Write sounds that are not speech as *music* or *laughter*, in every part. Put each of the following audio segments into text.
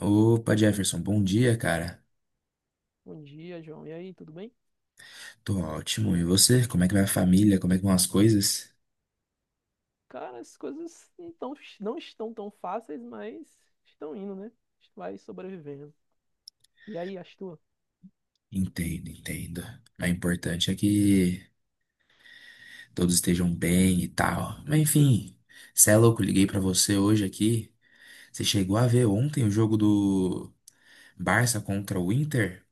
Opa, Jefferson, bom dia, cara. Bom dia, João. E aí, tudo bem? Tô ótimo. E você? Como é que vai a família? Como é que vão as coisas? Cara, as coisas não estão tão fáceis, mas estão indo, né? A gente vai sobrevivendo. E aí, as tuas? Entendo, entendo. Mas o importante é que todos estejam bem e tal. Mas enfim, cê é louco, liguei pra você hoje aqui. Você chegou a ver ontem o jogo do Barça contra o Inter?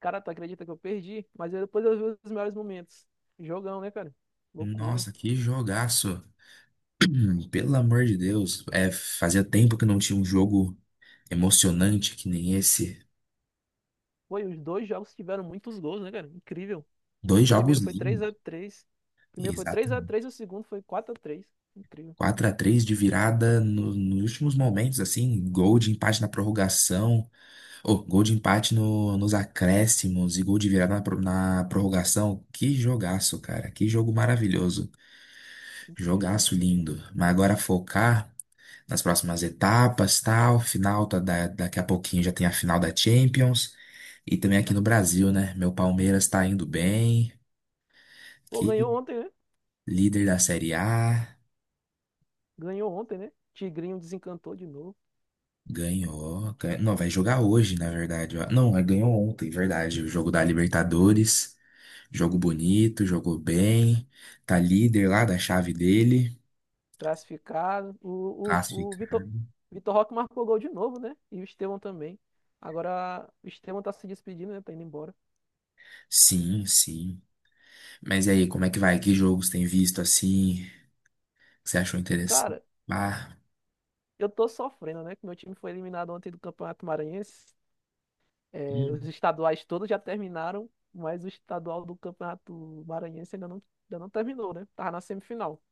Cara, tu acredita que eu perdi? Depois eu vi os melhores momentos. Jogão, né, cara? Loucura. Nossa, que jogaço! *clears throat* Pelo amor de Deus, é, fazia tempo que não tinha um jogo emocionante que nem esse. Foi, os dois jogos tiveram muitos gols, né, cara? Incrível. Dois O jogos primeiro foi três a lindos, três. O primeiro foi três a exatamente. três e o segundo foi quatro a três. Incrível, 4-3 de virada nos últimos momentos, assim, gol de empate na prorrogação, ou gol de empate nos acréscimos e gol de virada na prorrogação. Que jogaço, cara, que jogo maravilhoso, incrível. jogaço lindo. Mas agora focar nas próximas etapas, tal, final, tá, daqui a pouquinho já tem a final da Champions e também aqui no Brasil, né? Meu Palmeiras tá indo bem, Pô, que ganhou ontem, né? líder da Série A. Ganhou ontem, né? Tigrinho desencantou de novo. Ganhou. Não, vai jogar hoje, na verdade. Ó. Não, ele ganhou ontem, verdade. O jogo da Libertadores. Jogo bonito, jogou bem. Tá líder lá da chave dele. Classificado. O Classifica. Vitor, Vitor Roque marcou gol de novo, né? E o Estevão também. Agora o Estevão tá se despedindo, né? Tá indo embora. Sim, sim. Mas e aí, como é que vai? Que jogos tem visto assim? Que você achou interessante? Cara, Ah, eu tô sofrendo, né? Que meu time foi eliminado ontem do Campeonato Maranhense. É, os hum, estaduais todos já terminaram, mas o estadual do Campeonato Maranhense ainda não terminou, né? Tava na semifinal.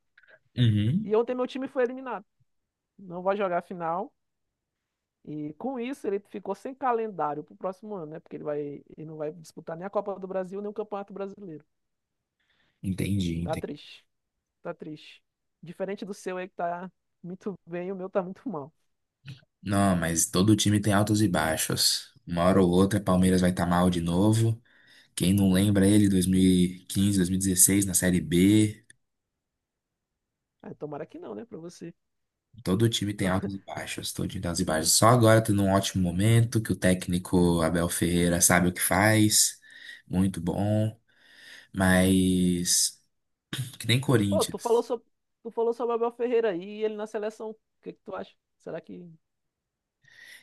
uhum. E ontem meu time foi eliminado. Não vai jogar a final. E com isso ele ficou sem calendário pro próximo ano, né? Porque ele vai, ele não vai disputar nem a Copa do Brasil, nem o Campeonato Brasileiro. Entendi, Tá entendi. triste, tá triste. Diferente do seu aí que tá muito bem, o meu tá muito mal. Não, mas todo time tem altos e baixos. Uma hora ou outra, Palmeiras vai estar mal de novo. Quem não lembra ele, 2015, dezesseis na Série B. Ah, tomara que não, né, pra você. Todo time tem *laughs* Tô- altos e baixos, todo time tem altos e baixos. Só agora tá num ótimo momento que o técnico Abel Ferreira sabe o que faz, muito bom, mas que nem Pô, Corinthians. Tu falou sobre o Abel Ferreira aí e ele na seleção. O que que tu acha? Será que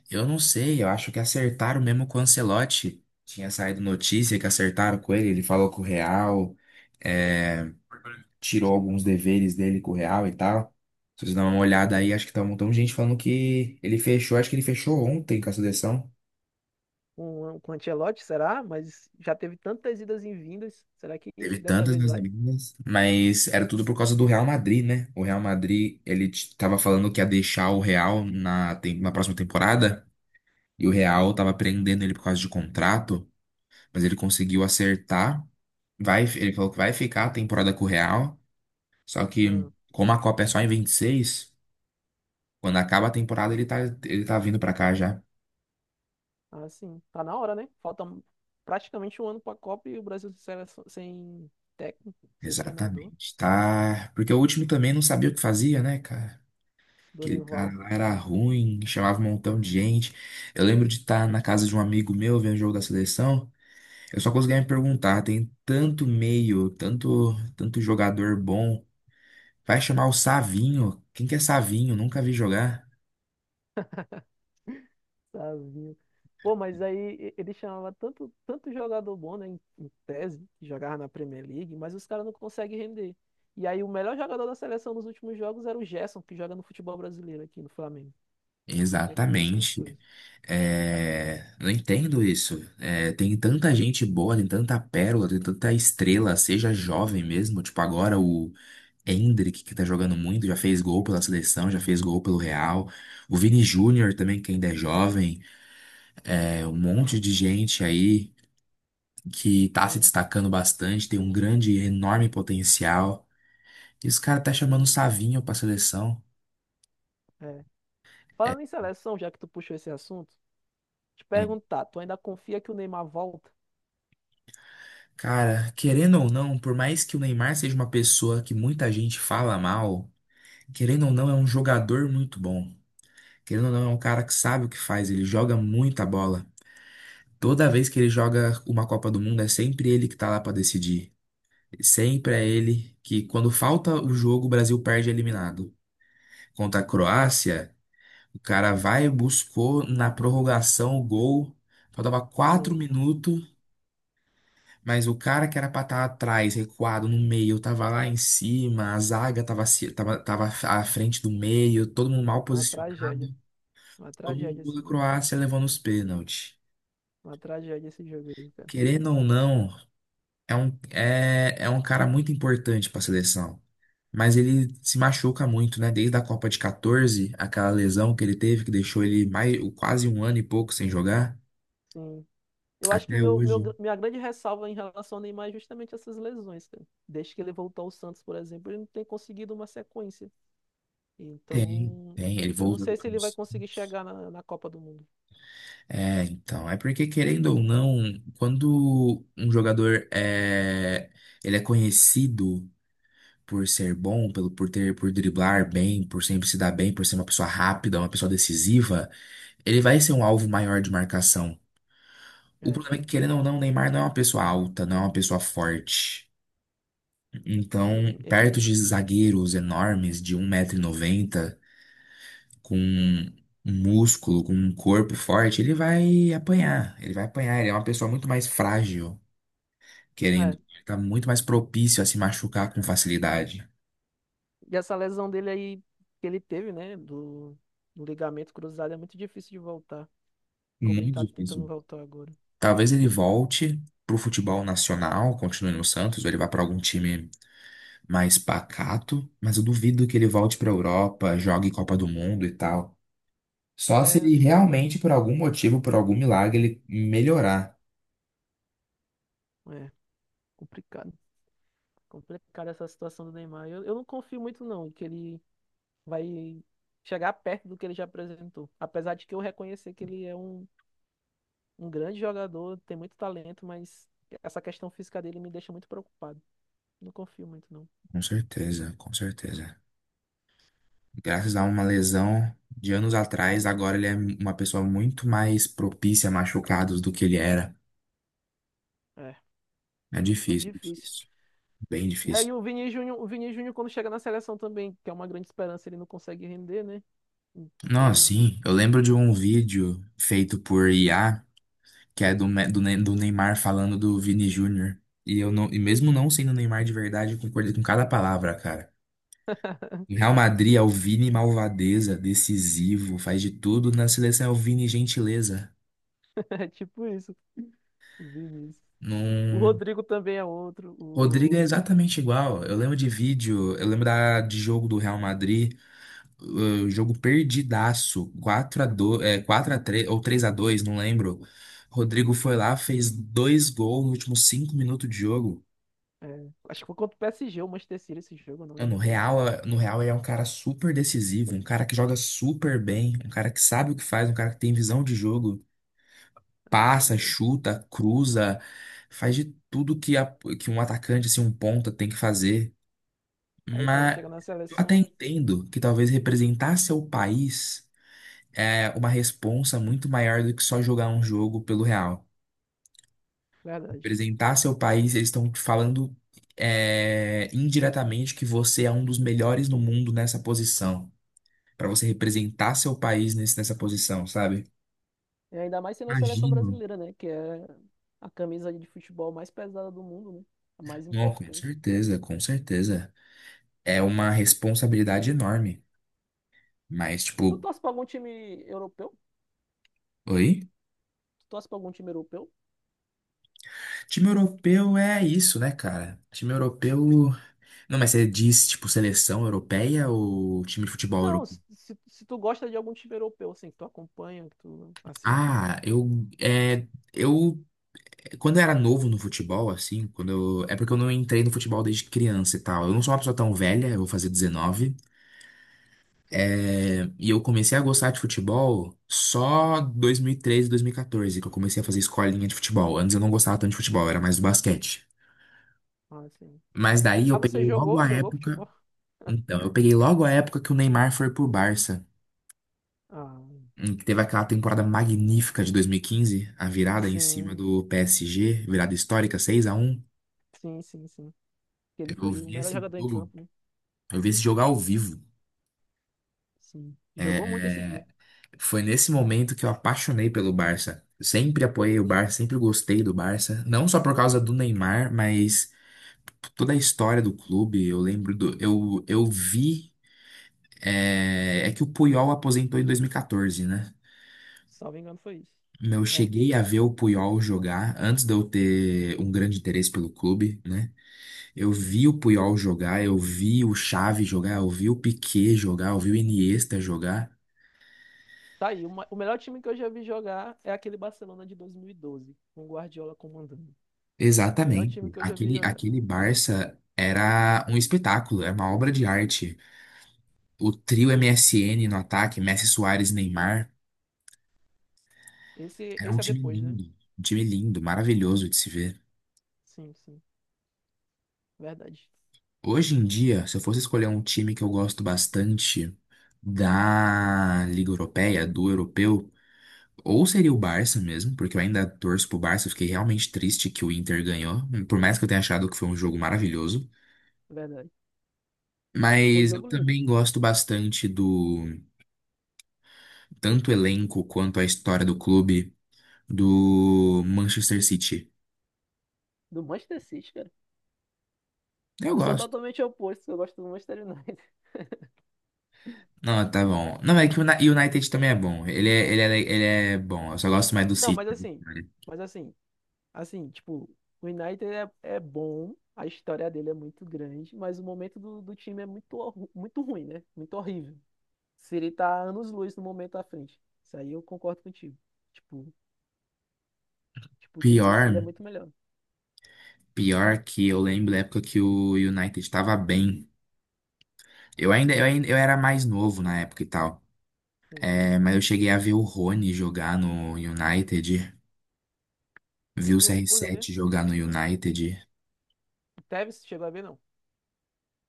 Eu não sei, eu acho que acertaram mesmo com o Ancelotti. Tinha saído notícia que acertaram com ele, ele falou com o Real, é, tirou alguns deveres dele com o Real e tal. Se vocês dão uma olhada aí, acho que tá um montão de gente falando que ele fechou, acho que ele fechou ontem com a seleção. Com o Ancelotti, será? Mas já teve tantas idas e vindas. Será que Teve dessa tantas vez nas vai? ligas, mas era tudo por causa do Real Madrid, né? O Real Madrid, ele tava falando que ia deixar o Real na próxima temporada, e o Real tava prendendo ele por causa de contrato, mas ele conseguiu acertar. Vai, ele falou que vai ficar a temporada com o Real, só que Ah, como a Copa é só em 26, quando acaba a temporada te- ele tá vindo pra cá já. ah, sim. Tá na hora, né? Falta praticamente um ano pra Copa e o Brasil sem técnico, sem treinador. Exatamente, tá? Porque o último também não sabia o que fazia, né, cara? Aquele cara Dorival. lá era ruim, chamava um montão de gente. Eu lembro de estar na casa de um amigo meu vendo o jogo da seleção. Eu só conseguia me perguntar, tem tanto meio, tanto, tanto jogador bom. Vai chamar o Savinho? Quem que é Savinho? Nunca vi jogar. Savinho. Pô, mas aí ele chamava tanto, tanto jogador bom, né, em, em tese, que jogava na Premier League, mas os caras não conseguem render. E aí o melhor jogador da seleção nos últimos jogos era o Gerson, que joga no futebol brasileiro aqui no Flamengo. Vê como é que são as Exatamente. coisas. É, não entendo isso. É, tem tanta gente boa, tem tanta pérola, tem tanta estrela, seja jovem mesmo. Tipo, agora o Endrick, que tá jogando muito, já fez gol pela seleção, já fez gol pelo Real. O Vini Júnior também, que ainda é jovem. É, um monte de gente aí que tá se Sim, destacando bastante, tem um grande, enorme potencial. E os caras tá chamando o sim, Savinho pra seleção. é. É, Falando em seleção, já que tu puxou esse assunto, te hum. perguntar, tu ainda confia que o Neymar volta? Cara, querendo ou não, por mais que o Neymar seja uma pessoa que muita gente fala mal, querendo ou não, é um jogador muito bom. Querendo ou não, é um cara que sabe o que faz, ele joga muita bola. Toda vez que ele joga uma Copa do Mundo, é sempre ele que tá lá pra decidir. Sempre é ele que, quando falta o jogo, o Brasil perde eliminado. Contra a Croácia, o cara vai e buscou na prorrogação o gol. Faltava quatro Sim, minutos, mas o cara que era pra estar atrás, recuado no meio, tava lá em cima, a zaga tava, se- tava, tava à frente do meio, todo mundo mal uma tragédia. posicionado. Uma Todo tragédia mundo esse da gol. Croácia levando os pênaltis. Uma tragédia esse jogo aí, cara. Querendo ou não. É um cara muito importante para a seleção. Mas ele se machuca muito, né? Desde a Copa de 14, aquela lesão que ele teve, que deixou ele mais, quase um ano e pouco sem jogar, Sim, eu acho que até hoje. minha grande ressalva em relação ao Neymar é justamente essas lesões, cara. Desde que ele voltou ao Santos, por exemplo, ele não tem conseguido uma sequência. Tem, Então, tem, ele eu não voltou sei se ele vai depois. conseguir chegar na, na Copa do Mundo. É, então, é porque querendo ou não, quando um jogador é, ele é conhecido por ser bom, pelo por ter, por driblar bem, por sempre se dar bem, por ser uma pessoa rápida, uma pessoa decisiva, ele vai ser um alvo maior de marcação. O É, problema é que, querendo ou não, o Neymar não é uma pessoa alta, não é uma pessoa forte. Então, sim, perto ele. de zagueiros enormes de um metro e noventa com um músculo, com um corpo forte, ele vai apanhar. Ele vai apanhar. Ele é uma pessoa muito mais frágil, querendo. É. Ele tá muito mais propício a se machucar com facilidade. E essa lesão dele aí que ele teve, né, do, do ligamento cruzado, é muito difícil de voltar. Como ele Muito tá tentando difícil. voltar agora. Talvez ele volte pro futebol nacional, continue no Santos, ou ele vá para algum time mais pacato, mas eu duvido que ele volte para Europa, jogue Copa do Mundo e tal. Só se É, ele acho que não dá realmente, mais por pra ele. algum motivo, por algum milagre, ele melhorar. É, complicado. Complicada essa situação do Neymar. Eu não confio muito, não, que ele vai chegar perto do que ele já apresentou. Apesar de que eu reconhecer que ele é um, um grande jogador, tem muito talento, mas essa questão física dele me deixa muito preocupado. Não confio muito, não. Com certeza, com certeza. Graças a uma lesão de anos atrás, agora ele é uma pessoa muito mais propícia a machucados do que ele era. É, É muito difícil, difícil. difícil. Bem E difícil. aí o Vini Júnior quando chega na seleção também, que é uma grande esperança, ele não consegue render, né? Não, sim, Infelizmente. eu *laughs* lembro de um vídeo feito por IA, que é do Neymar falando do Vini Júnior. E eu não, e mesmo não sendo o Neymar de verdade, eu concordei com cada palavra, cara. Em Real Madrid, é o Vini malvadeza, decisivo, faz de tudo. Na seleção, é o Vini gentileza. É tipo isso, o Vinícius. O Num... Rodrigo também é outro. Rodrigo é O... exatamente igual. Eu lembro de vídeo, eu lembro de jogo do Real Madrid, jogo perdidaço, 4-2 é, 4-3 ou 3-2 não lembro. Rodrigo foi lá, fez dois gols nos últimos 5 minutos de jogo. é, acho que foi contra o PSG, o Manchester City, esse jogo, eu não Mano, o lembro bem. Real, no Real ele é um cara super decisivo, um cara que joga super bem, um cara que sabe o que faz, um cara que tem visão de jogo. É Passa, verdade. chuta, cruza, faz de tudo que um atacante, assim, um ponta tem que fazer. Aí quando Mas chega na eu até seleção, entendo que talvez representar seu país é uma responsa muito maior do que só jogar um jogo pelo Real. verdade. Representar seu país, eles estão te falando é, indiretamente que você é um dos melhores no mundo nessa posição. Pra você representar seu país nessa posição, sabe? É ainda mais sendo a seleção Imagino. brasileira, né? Que é a camisa de futebol mais pesada do mundo, né? A mais Não, com importante. certeza, com certeza. É uma responsabilidade enorme. Mas, Tu tipo, torce pra algum time europeu? oi? Tu torce pra algum time europeu? Time europeu é isso, né, cara? Time europeu. Não, mas você diz, tipo, seleção europeia ou time de futebol Não, europeu? se tu gosta de algum time europeu, assim, que tu acompanha, que tu assiste. Ah, eu. É, eu. Quando eu era novo no futebol, assim, quando eu. É porque eu não entrei no futebol desde criança e tal. Eu não sou uma pessoa tão velha, eu vou fazer 19. Sim. É, e eu comecei a gostar de futebol só dois mil e treze, dois mil e 2014, que eu comecei a fazer escolinha de futebol. Antes eu não gostava tanto de futebol, eu era mais do basquete. Ah, sim. Mas daí Ah, eu você peguei logo jogou? a Jogou época. futebol? Então, eu peguei logo a época que o Neymar foi pro Barça, Ah, em que teve aquela temporada magnífica de 2015, a virada em cima sim. do PSG, virada histórica, 6-1. Sim, sim, sim. Que ele Eu foi o vi melhor esse jogador em jogo, campo, né? eu vi esse jogo ao vivo. Sim. Jogou muito esse dia. Foi nesse momento que eu apaixonei pelo Barça. Sempre apoiei o Barça, sempre gostei do Barça. Não só por causa do Neymar, mas toda a história do clube. Eu lembro do. Eu vi. É que o Puyol aposentou em 2014, né? Salvo engano, foi isso. Não É. cheguei a ver o Puyol jogar antes de eu ter um grande interesse pelo clube, né? Eu vi o Puyol jogar, eu vi o Xavi jogar, eu vi o Piqué jogar, eu vi o Iniesta jogar. Tá aí, o melhor time que eu já vi jogar é aquele Barcelona de 2012, com o Guardiola comandando. Melhor time Exatamente. que eu já vi Aquele, jogar. aquele Barça era um espetáculo, era uma obra de arte. O trio M Sim. S N no ataque, Messi, Suárez, Neymar, Esse, era esse é depois, né? Um time lindo, maravilhoso de se ver. Sim, sim. Verdade. Hoje em dia, se eu fosse escolher um time que eu gosto bastante da Liga Europeia, do europeu, ou seria o Barça mesmo, porque eu ainda torço pro Barça, eu fiquei realmente triste que o Inter ganhou, por mais que eu tenha achado que foi um jogo maravilhoso. Verdade. Foi um Mas eu jogo lindo. também gosto bastante do tanto o elenco quanto a história do clube do Manchester City. Do Manchester City, cara. Eu Eu sou gosto. totalmente oposto, eu gosto do Manchester United. *laughs* Não, tá bom. Não, é que o United também é bom. Ele é bom. Eu só gosto mais do Não, City. Mas assim, assim, tipo, o United é, é bom, a história dele é muito grande, mas o momento do, do time é muito, muito ruim, né? Muito horrível. Siri tá anos-luz no momento à frente. Isso aí eu concordo contigo. Tipo, tipo, o time do Siri é Pior. muito melhor. Pior que eu lembro da época que o United estava bem. Eu era mais novo na época e tal. Sim. É, mas eu cheguei a ver o Rony jogar no United, vi o E o Rooney, né? CR7 jogar no United. O Tevez chegou a ver, não.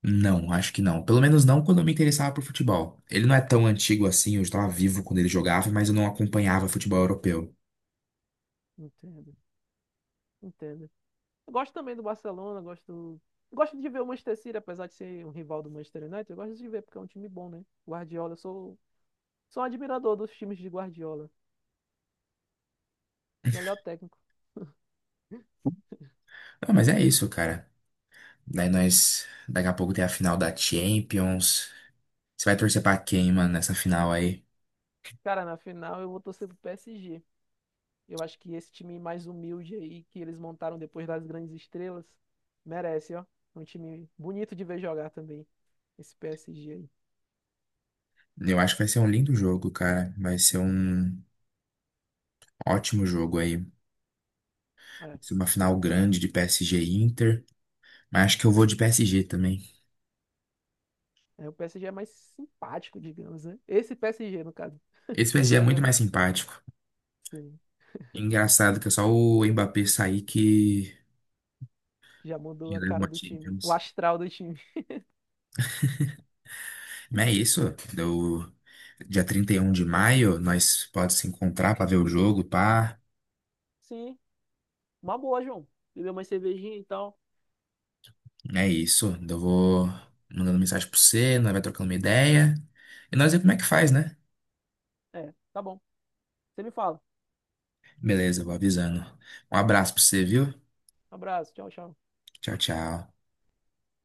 Não, acho que não. Pelo menos não quando eu me interessava por futebol. Ele não é tão antigo assim, eu estava vivo quando ele jogava, mas eu não acompanhava futebol europeu. Entendo, entendo. Eu gosto também do Barcelona, gosto. Gosto de ver o Manchester City, apesar de ser um rival do Manchester United, eu gosto de ver porque é um time bom, né? Guardiola, eu sou, sou um admirador dos times de Guardiola. Melhor técnico. Ah, mas é isso, cara. Daí daqui a pouco tem a final da Champions. Você vai torcer pra quem, mano, nessa final aí? Cara, na final eu vou torcer pro PSG. Eu acho que esse time mais humilde aí que eles montaram depois das grandes estrelas merece, ó. Um time bonito de ver jogar também. Esse PSG aí. Eu acho que vai ser um lindo jogo, cara. Vai ser um. Ótimo jogo aí. Vai É, ser uma final grande de PSG e Inter. Mas acho que eu vou de PSG também. é, o PSG é mais simpático, digamos, né? Esse PSG, no caso. Esse PSG é muito Não, mais simpático. sim. Engraçado que é só o Mbappé sair que Já mudou que a leva cara uma do time. O Champions. astral do time. Mas é isso. Do dia 31 de maio, nós pode se encontrar pra ver o jogo, pá. Sim. Uma boa, João. Beber uma cervejinha e tal. É isso. Então eu vou mandando mensagem pro você, nós vai trocando uma ideia. E nós vemos como é que faz, né? É, tá bom. Você me fala. Beleza, vou avisando. Um abraço pra você, viu? Um abraço. Tchau, tchau. Tchau, tchau.